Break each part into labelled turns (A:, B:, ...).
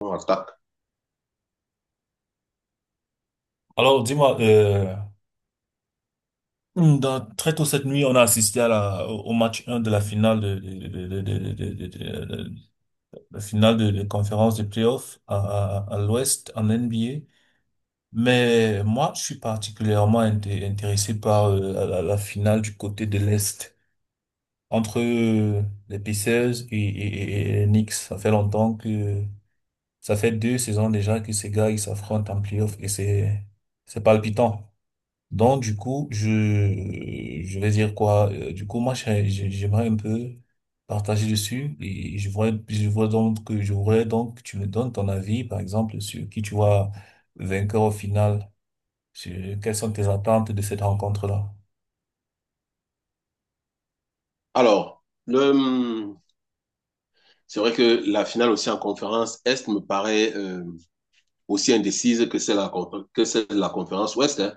A: On attaque.
B: Alors, dis-moi, très tôt cette nuit, on a assisté au match un de la finale de- la finale de conférence de playoff à l'Ouest en NBA. Mais moi, je suis intéressé par la finale du côté de l'Est entre les Pacers et les Knicks. Ça fait deux saisons déjà que ces gars ils s'affrontent en playoff et c'est palpitant. Donc, du coup, je vais dire quoi? Du coup, moi, j'aimerais un peu partager dessus et je vois donc que je voudrais donc que tu me donnes ton avis, par exemple, sur qui tu vois vainqueur au final, sur quelles sont tes attentes de cette rencontre-là.
A: Alors, c'est vrai que la finale aussi en conférence Est me paraît aussi indécise que celle, que celle de la conférence Ouest, hein.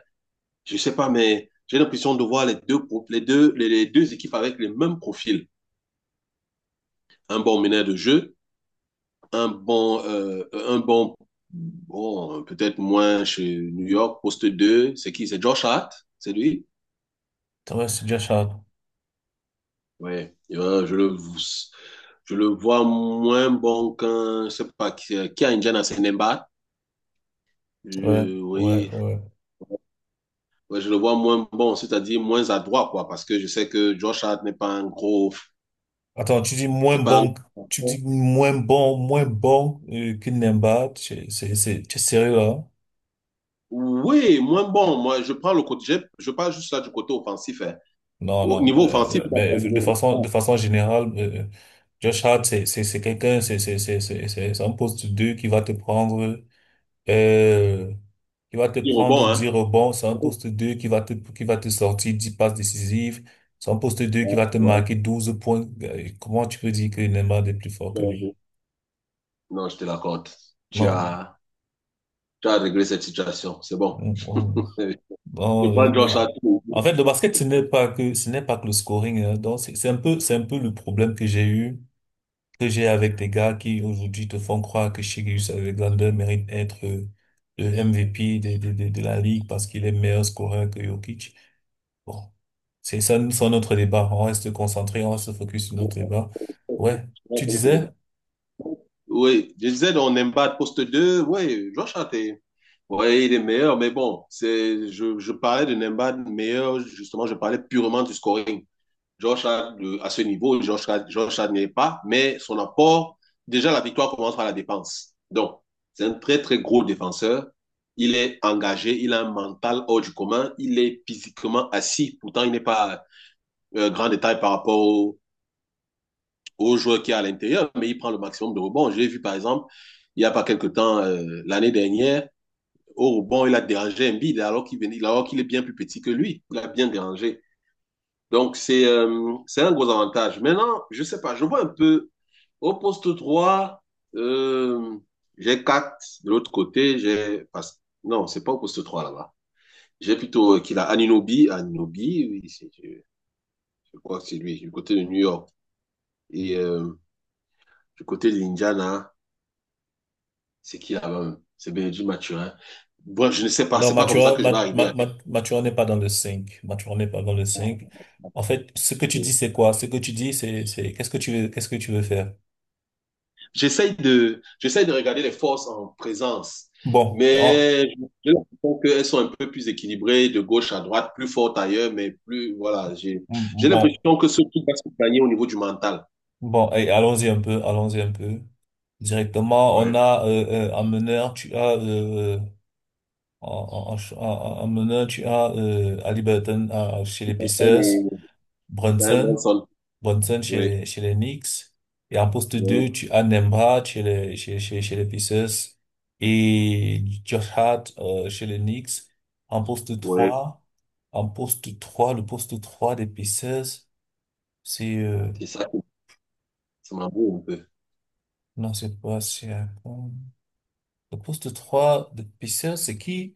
A: Je ne sais pas, mais j'ai l'impression de voir les deux équipes avec les mêmes profils. Un bon meneur de jeu, un bon, euh, un bon, bon peut-être moins chez New York, poste 2. C'est qui? C'est Josh Hart? C'est lui?
B: Ça va, c'est déjà ça.
A: Ouais. Je le vois moins bon qu'un, je ne sais pas, qui a Indiana Senemba.
B: Ouais, ouais,
A: Oui,
B: ouais.
A: ouais, je le vois moins bon, c'est-à-dire moins adroit, quoi, parce que je sais que Josh Hart n'est pas un gros,
B: Attends,
A: c'est pas un...
B: tu dis moins bon, moins bon que Nemba, tu es sérieux là?
A: Oui, moins bon. Moi, je prends le côté, je parle juste là du côté offensif, hein.
B: Non,
A: Au
B: non,
A: niveau
B: mais,
A: offensif, il a pas de niveau. Ah,
B: de façon générale, Josh Hart, c'est quelqu'un, c'est un poste 2 qui va te prendre, euh, qui va te
A: il est
B: prendre
A: bon,
B: 10
A: hein.
B: rebonds, c'est un
A: Ouais,
B: poste 2 qui va te sortir 10 passes décisives, c'est un poste deux qui va te
A: ouais,
B: marquer 12 points. Comment tu peux dire que Neymar est plus fort que
A: ouais, ouais.
B: lui?
A: Non, je te l'accorde. Tu
B: Non,
A: as, tu as réglé cette situation. C'est bon.
B: on- on-
A: Euh, Je
B: non,
A: prends Josh
B: regarde.
A: Hart.
B: En fait, le basket, ce n'est pas que le scoring, hein. Donc, c'est un peu le problème que j'ai avec des gars qui aujourd'hui te font croire que Sharius Alexander mérite d'être le MVP de la ligue parce qu'il est meilleur scoreur que Jokic. Bon, c'est ça, c'est notre débat. On reste concentré, on reste focus sur notre débat. Ouais, tu disais?
A: Oui, je disais, on Embiid poste deux. Oui, Josh Hart est- Oui, il est meilleur, mais bon, je parlais de Nembad meilleur, justement, je parlais purement du scoring. George Hart, à ce niveau, George Hart n'y est pas, mais son apport, déjà la victoire commence par la défense. Donc, c'est un très, très gros défenseur. Il est engagé, il a un mental hors du commun, il est physiquement assis. Pourtant, il n'est pas grand détail par rapport au joueur qui est à l'intérieur, mais il prend le maximum de rebonds. J'ai vu, par exemple, il n'y a pas quelque temps, l'année dernière, au rebond, il a dérangé Embiid alors qu'il venait, alors qu'il est bien plus petit que lui. Il a bien dérangé. Donc, c'est un gros avantage. Maintenant, je sais pas, je vois un peu au poste 3, euh, j'ai 4 de l'autre côté. J'ai pas- Non, c'est pas au poste 3 là-bas. J'ai plutôt qu'il a Anunobi. Anunobi, oui, je crois que c'est lui, du côté de New York. Et du côté de l'Indiana, c'est qui là-bas? Même c'est Benedict Mathurin. Bref, je ne sais pas,
B: Non,
A: c'est pas comme ça
B: Mathurin,
A: que je vais
B: Ma-
A: arriver
B: Ma-
A: à.
B: Ma- Mathurin n'est pas dans le 5. Mathurin n'est pas dans le cinq. En fait, ce que tu dis, c'est quoi? Ce que tu dis, qu'est-ce que tu veux, qu'est-ce que tu veux faire?
A: J'essaye de regarder les forces en présence,
B: Bon, en-
A: mais je pense qu'elles sont un peu plus équilibrées de gauche à droite, plus fortes ailleurs, mais plus, voilà, j'ai
B: bon,
A: l'impression que ce qui va se gagner au niveau du mental.
B: Bon, et allons-y un peu. Directement, on
A: Ouais.
B: a en meneur, tu as en, en, en ch- en- en meneur, tu as Ali Burton chez les Pacers,
A: Oui,
B: Brunson, Brunson chez
A: oui,
B: les Knicks, et en poste 2, tu as Nembha chez les Pacers et Josh Hart chez les Knicks. En poste
A: oui.
B: trois, en poste 3, le poste 3 des Pacers, c'est
A: C'est ça qui ça m'embrouille un peu.
B: non, c'est pas c'est euh, le poste 3 de pisseur, c'est qui?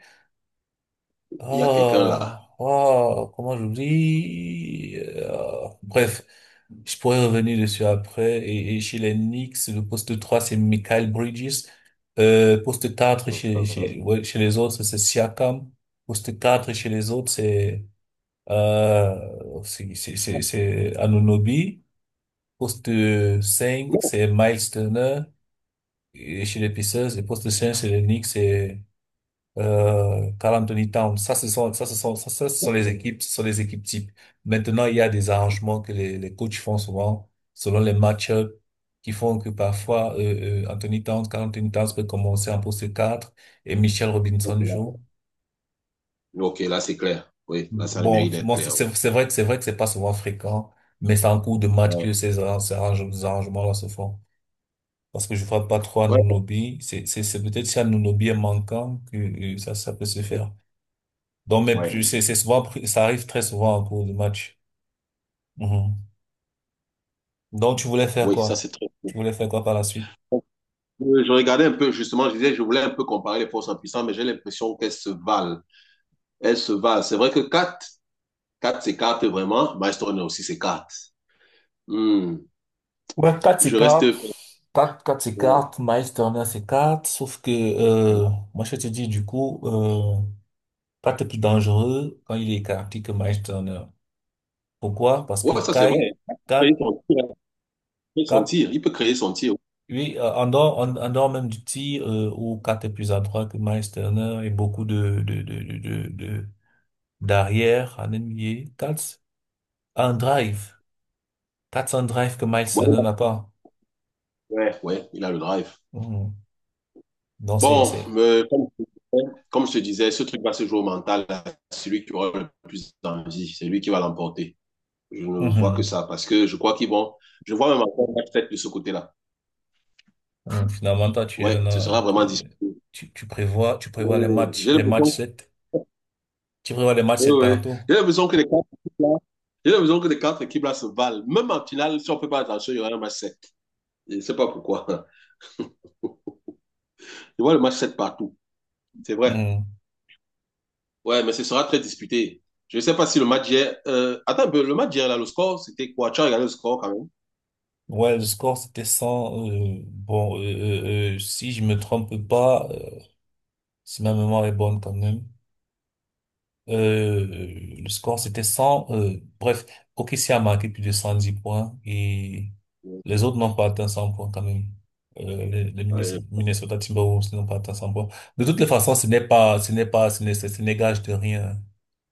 A: Il y a quelqu'un
B: Oh,
A: là.
B: oh, comment j'oublie? Bref, je pourrais revenir dessus après. Et chez les Knicks, le poste trois, c'est Michael Bridges. Poste quatre
A: Ouais.
B: ouais, chez les autres, c'est Siakam. Poste 4 chez les autres, c'est Anunoby. Poste cinq,
A: Non.
B: c'est Miles Turner. Et chez les Pacers, et poste 5 c'est les Knicks, c'est Carl Anthony Towns. Ça, ce sont, ça, ce sont, ça, ce sont les équipes, ce sont les équipes types. Maintenant, il y a des arrangements que les coachs font souvent selon les match-ups qui font que parfois, Carl Anthony Towns peut commencer en poste 4 et Michel Robinson joue.
A: OK, là c'est clair. Oui, là ça a le
B: Bon,
A: mérite d'être
B: moi,
A: clair.
B: c'est vrai que c'est pas souvent fréquent, mais c'est en cours de match
A: Ouais.
B: que ces arrangements-là se font. Parce que je ne frappe pas trop à
A: Ouais.
B: Nunobi. C'est peut-être si Anunoby est manquant que ça peut se faire. Donc, mais
A: Ouais.
B: plus, c'est souvent, ça arrive très souvent en cours de match. Mhm. Donc, tu voulais faire
A: Oui, ça
B: quoi?
A: c'est très cool.
B: Tu voulais faire quoi par la suite?
A: Je regardais un peu, justement, je disais, je voulais un peu comparer les forces en puissance, mais j'ai l'impression qu'elles se valent. Elles se valent. C'est vrai que quatre 4 s'écarte vraiment. Maestro aussi s'écarte. Hmm.
B: Ouais, 4,
A: Je reste.
B: s'écarte, Quatre 4
A: Ouais,
B: s'écarte, Miles Turner s'écarte, sauf que moi je te dis du coup, Kat est plus dangereux quand il est écarté que Miles Turner. Pourquoi? Parce que
A: ça c'est vrai. Il peut
B: Kat,
A: créer son
B: Kat,
A: tir. Il peut créer son tir. Il peut créer son tir.
B: oui en dehors, en dehors même du tir où Kat est plus adroit que Miles Turner et beaucoup d'arrière en NBA, Kat un drive. That's un drive que Miles n'en
A: Ouais,
B: a pas.
A: ouais, ouais, il a le drive.
B: Mhm. Donc,
A: Bon, comme je te disais, ce truc va se jouer au mental, à celui qui aura le plus d'envie, c'est lui qui va l'emporter. Je ne vois que
B: mhm.
A: ça parce que je crois qu'ils vont. Je vois même encore un match tête de ce côté-là.
B: Mhm. Finalement, toi, tu es
A: Ouais, ce
B: là,
A: sera vraiment
B: t'es-
A: disputé.
B: tu prévois,
A: Ouais, j'ai
B: les matchs
A: l'impression.
B: sept. Tu prévois les matchs 7
A: Ouais, ouais.
B: partout.
A: J'ai l'impression que les quatre équipes là, j'ai l'impression que les quatre équipes là se valent. Même en finale, si on ne fait pas attention, il y aura un match 7. Je ne sais pas pourquoi. Je vois le match 7 partout. C'est vrai.
B: Mhm.
A: Ouais, mais ce sera très disputé. Je ne sais pas si le match d'hier... attends un peu, le match d'hier, là, le score, c'était quoi? Tu as regardé le score quand même?
B: Ouais, le score, c'était 100 bon, si je me trompe pas, si ma mémoire est bonne quand même. Euh, le score, c'était 100 bref, OKC a marqué plus de 110 points et les autres n'ont pas atteint 100 points quand même. Les
A: Ouais.
B: Minnesota Timberwolves n'ont pas atteint 100 points. De toutes les façons, ce n'est gage de rien.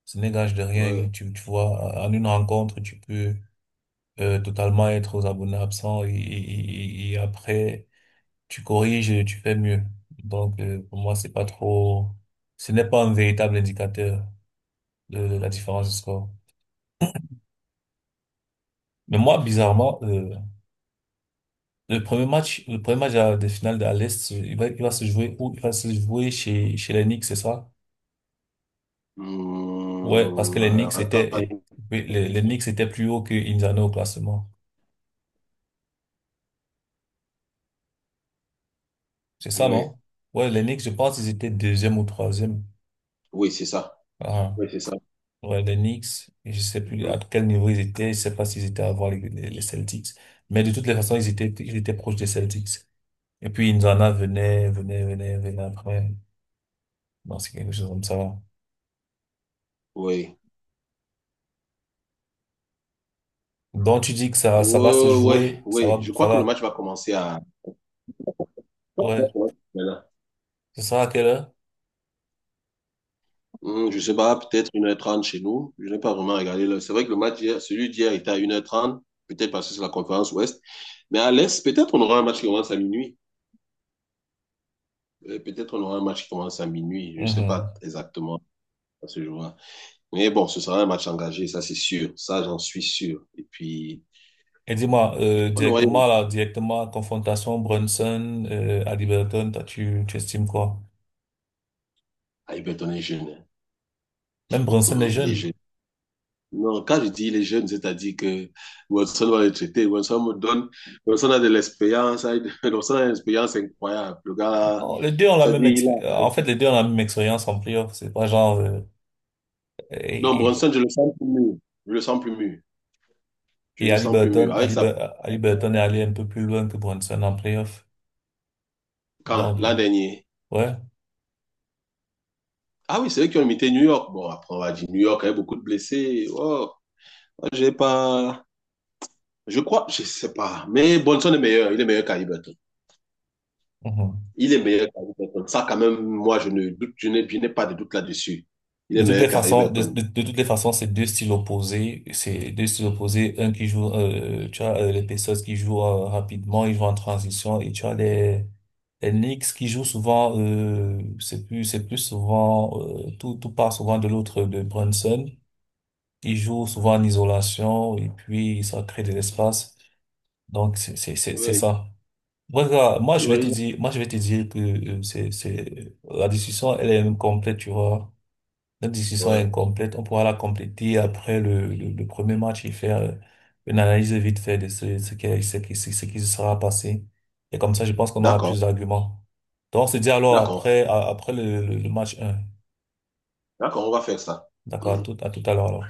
B: Ce n'est gage de rien. Et
A: Ouais.
B: tu vois, en une rencontre, tu peux totalement être aux abonnés absents et après, tu corriges et tu fais mieux. Donc, pour moi, c'est pas trop, ce n'est pas un véritable indicateur la différence de score. Mais moi, bizarrement, le premier match des finales de l'Est, il va se jouer où? Il va se jouer chez les Knicks, c'est ça? Ouais, parce que les Knicks
A: Attends.
B: étaient, et- Oui, les Knicks étaient plus haut que Indiana au classement. C'est ça,
A: Ouais.
B: non? Ouais, les Knicks, je pense qu'ils étaient deuxième ou troisième.
A: Oui, c'est ça.
B: Ah,
A: Oui, c'est ça.
B: ouais, les Knicks, et je sais plus à
A: Mhm.
B: quel niveau ils étaient, je sais pas s'ils étaient avant les Celtics. Mais de toutes les façons, ils étaient proches des Celtics. Et puis, Indiana venait après. Non, c'est quelque chose comme ça.
A: Oui.
B: Donc, tu dis que ça
A: Oui,
B: va se
A: oui,
B: jouer,
A: oui. Je
B: ça
A: crois que le
B: va,
A: match va commencer à. Ouais,
B: ouais.
A: ouais, ouais. Voilà.
B: Ce sera à quelle heure?
A: Je sais pas, peut-être 1h30 chez nous. Je n'ai pas vraiment regardé. C'est vrai que le match hier, celui d'hier était à 1h30, peut-être parce que c'est la conférence Ouest. Mais à l'Est, peut-être on aura un match qui commence à minuit. Peut-être on aura un match qui commence à minuit. Je ne sais
B: Mhm.
A: pas exactement à ce jour-là. Mais bon, ce sera un match engagé, ça c'est sûr. Ça, j'en suis sûr. Et puis,
B: Et dis-moi,
A: on aura...
B: directement, confrontation Brunson, à Liberton, toi, tu estimes quoi?
A: Ah, Everton est jeune, hein.
B: Même Brunson est
A: Il est
B: jeune.
A: jeune. Non, quand je dis il est jeune, c'est-à-dire que Watson va le traiter. Watson me donne... Watson a de l'expérience. Hein. Watson a une expérience incroyable. Le gars...
B: Non, les deux ont la
A: C'est-à-dire,
B: même expé- en fait, les deux ont la même expérience en playoff. C'est pas genre,
A: Non,
B: et, et,
A: Bronson, je le sens plus mûr. Je le sens plus mûr. Je
B: et
A: le
B: Ali
A: sens plus mûr.
B: Burton,
A: Avec sa...
B: Ali Burton est allé un peu plus loin que Brunson en playoff.
A: Quand?
B: Donc,
A: L'an dernier.
B: ouais.
A: Ah oui, c'est eux qui ont imité New York. Bon, après, on va dire New York avait beaucoup de blessés. Oh, j'ai pas... Je crois, je sais pas. Mais Bronson est meilleur. Il est meilleur qu'Haliburton.
B: Mhm.
A: Il est meilleur qu'Haliburton. Ça, quand même, moi, je ne doute, je n'ai pas de doute là-dessus. Il est
B: De toutes
A: meilleur
B: les façons,
A: qu'Haliburton.
B: de toutes les façons, c'est deux styles opposés. C'est deux styles opposés. Un qui joue, tu as les Pacers qui jouent rapidement, ils jouent en transition, et tu as les Knicks qui jouent souvent c'est plus souvent tout part souvent de l'autre de Brunson. Ils jouent souvent en isolation et puis ça crée de l'espace. Donc c'est
A: Oui,
B: ça. Moi, regarde,
A: tu as raison.
B: moi je vais te dire que c'est la discussion elle est même complète, tu vois. Notre discussion est
A: Ouais.
B: incomplète. On pourra la compléter après le premier match et faire une analyse vite fait de ce qui se sera passé. Et comme ça, je pense qu'on aura
A: D'accord,
B: plus d'arguments. Donc, on se dit alors
A: d'accord,
B: après, après le le match un.
A: d'accord, on va faire ça.
B: D'accord,
A: Hmm.
B: à tout à l'heure alors.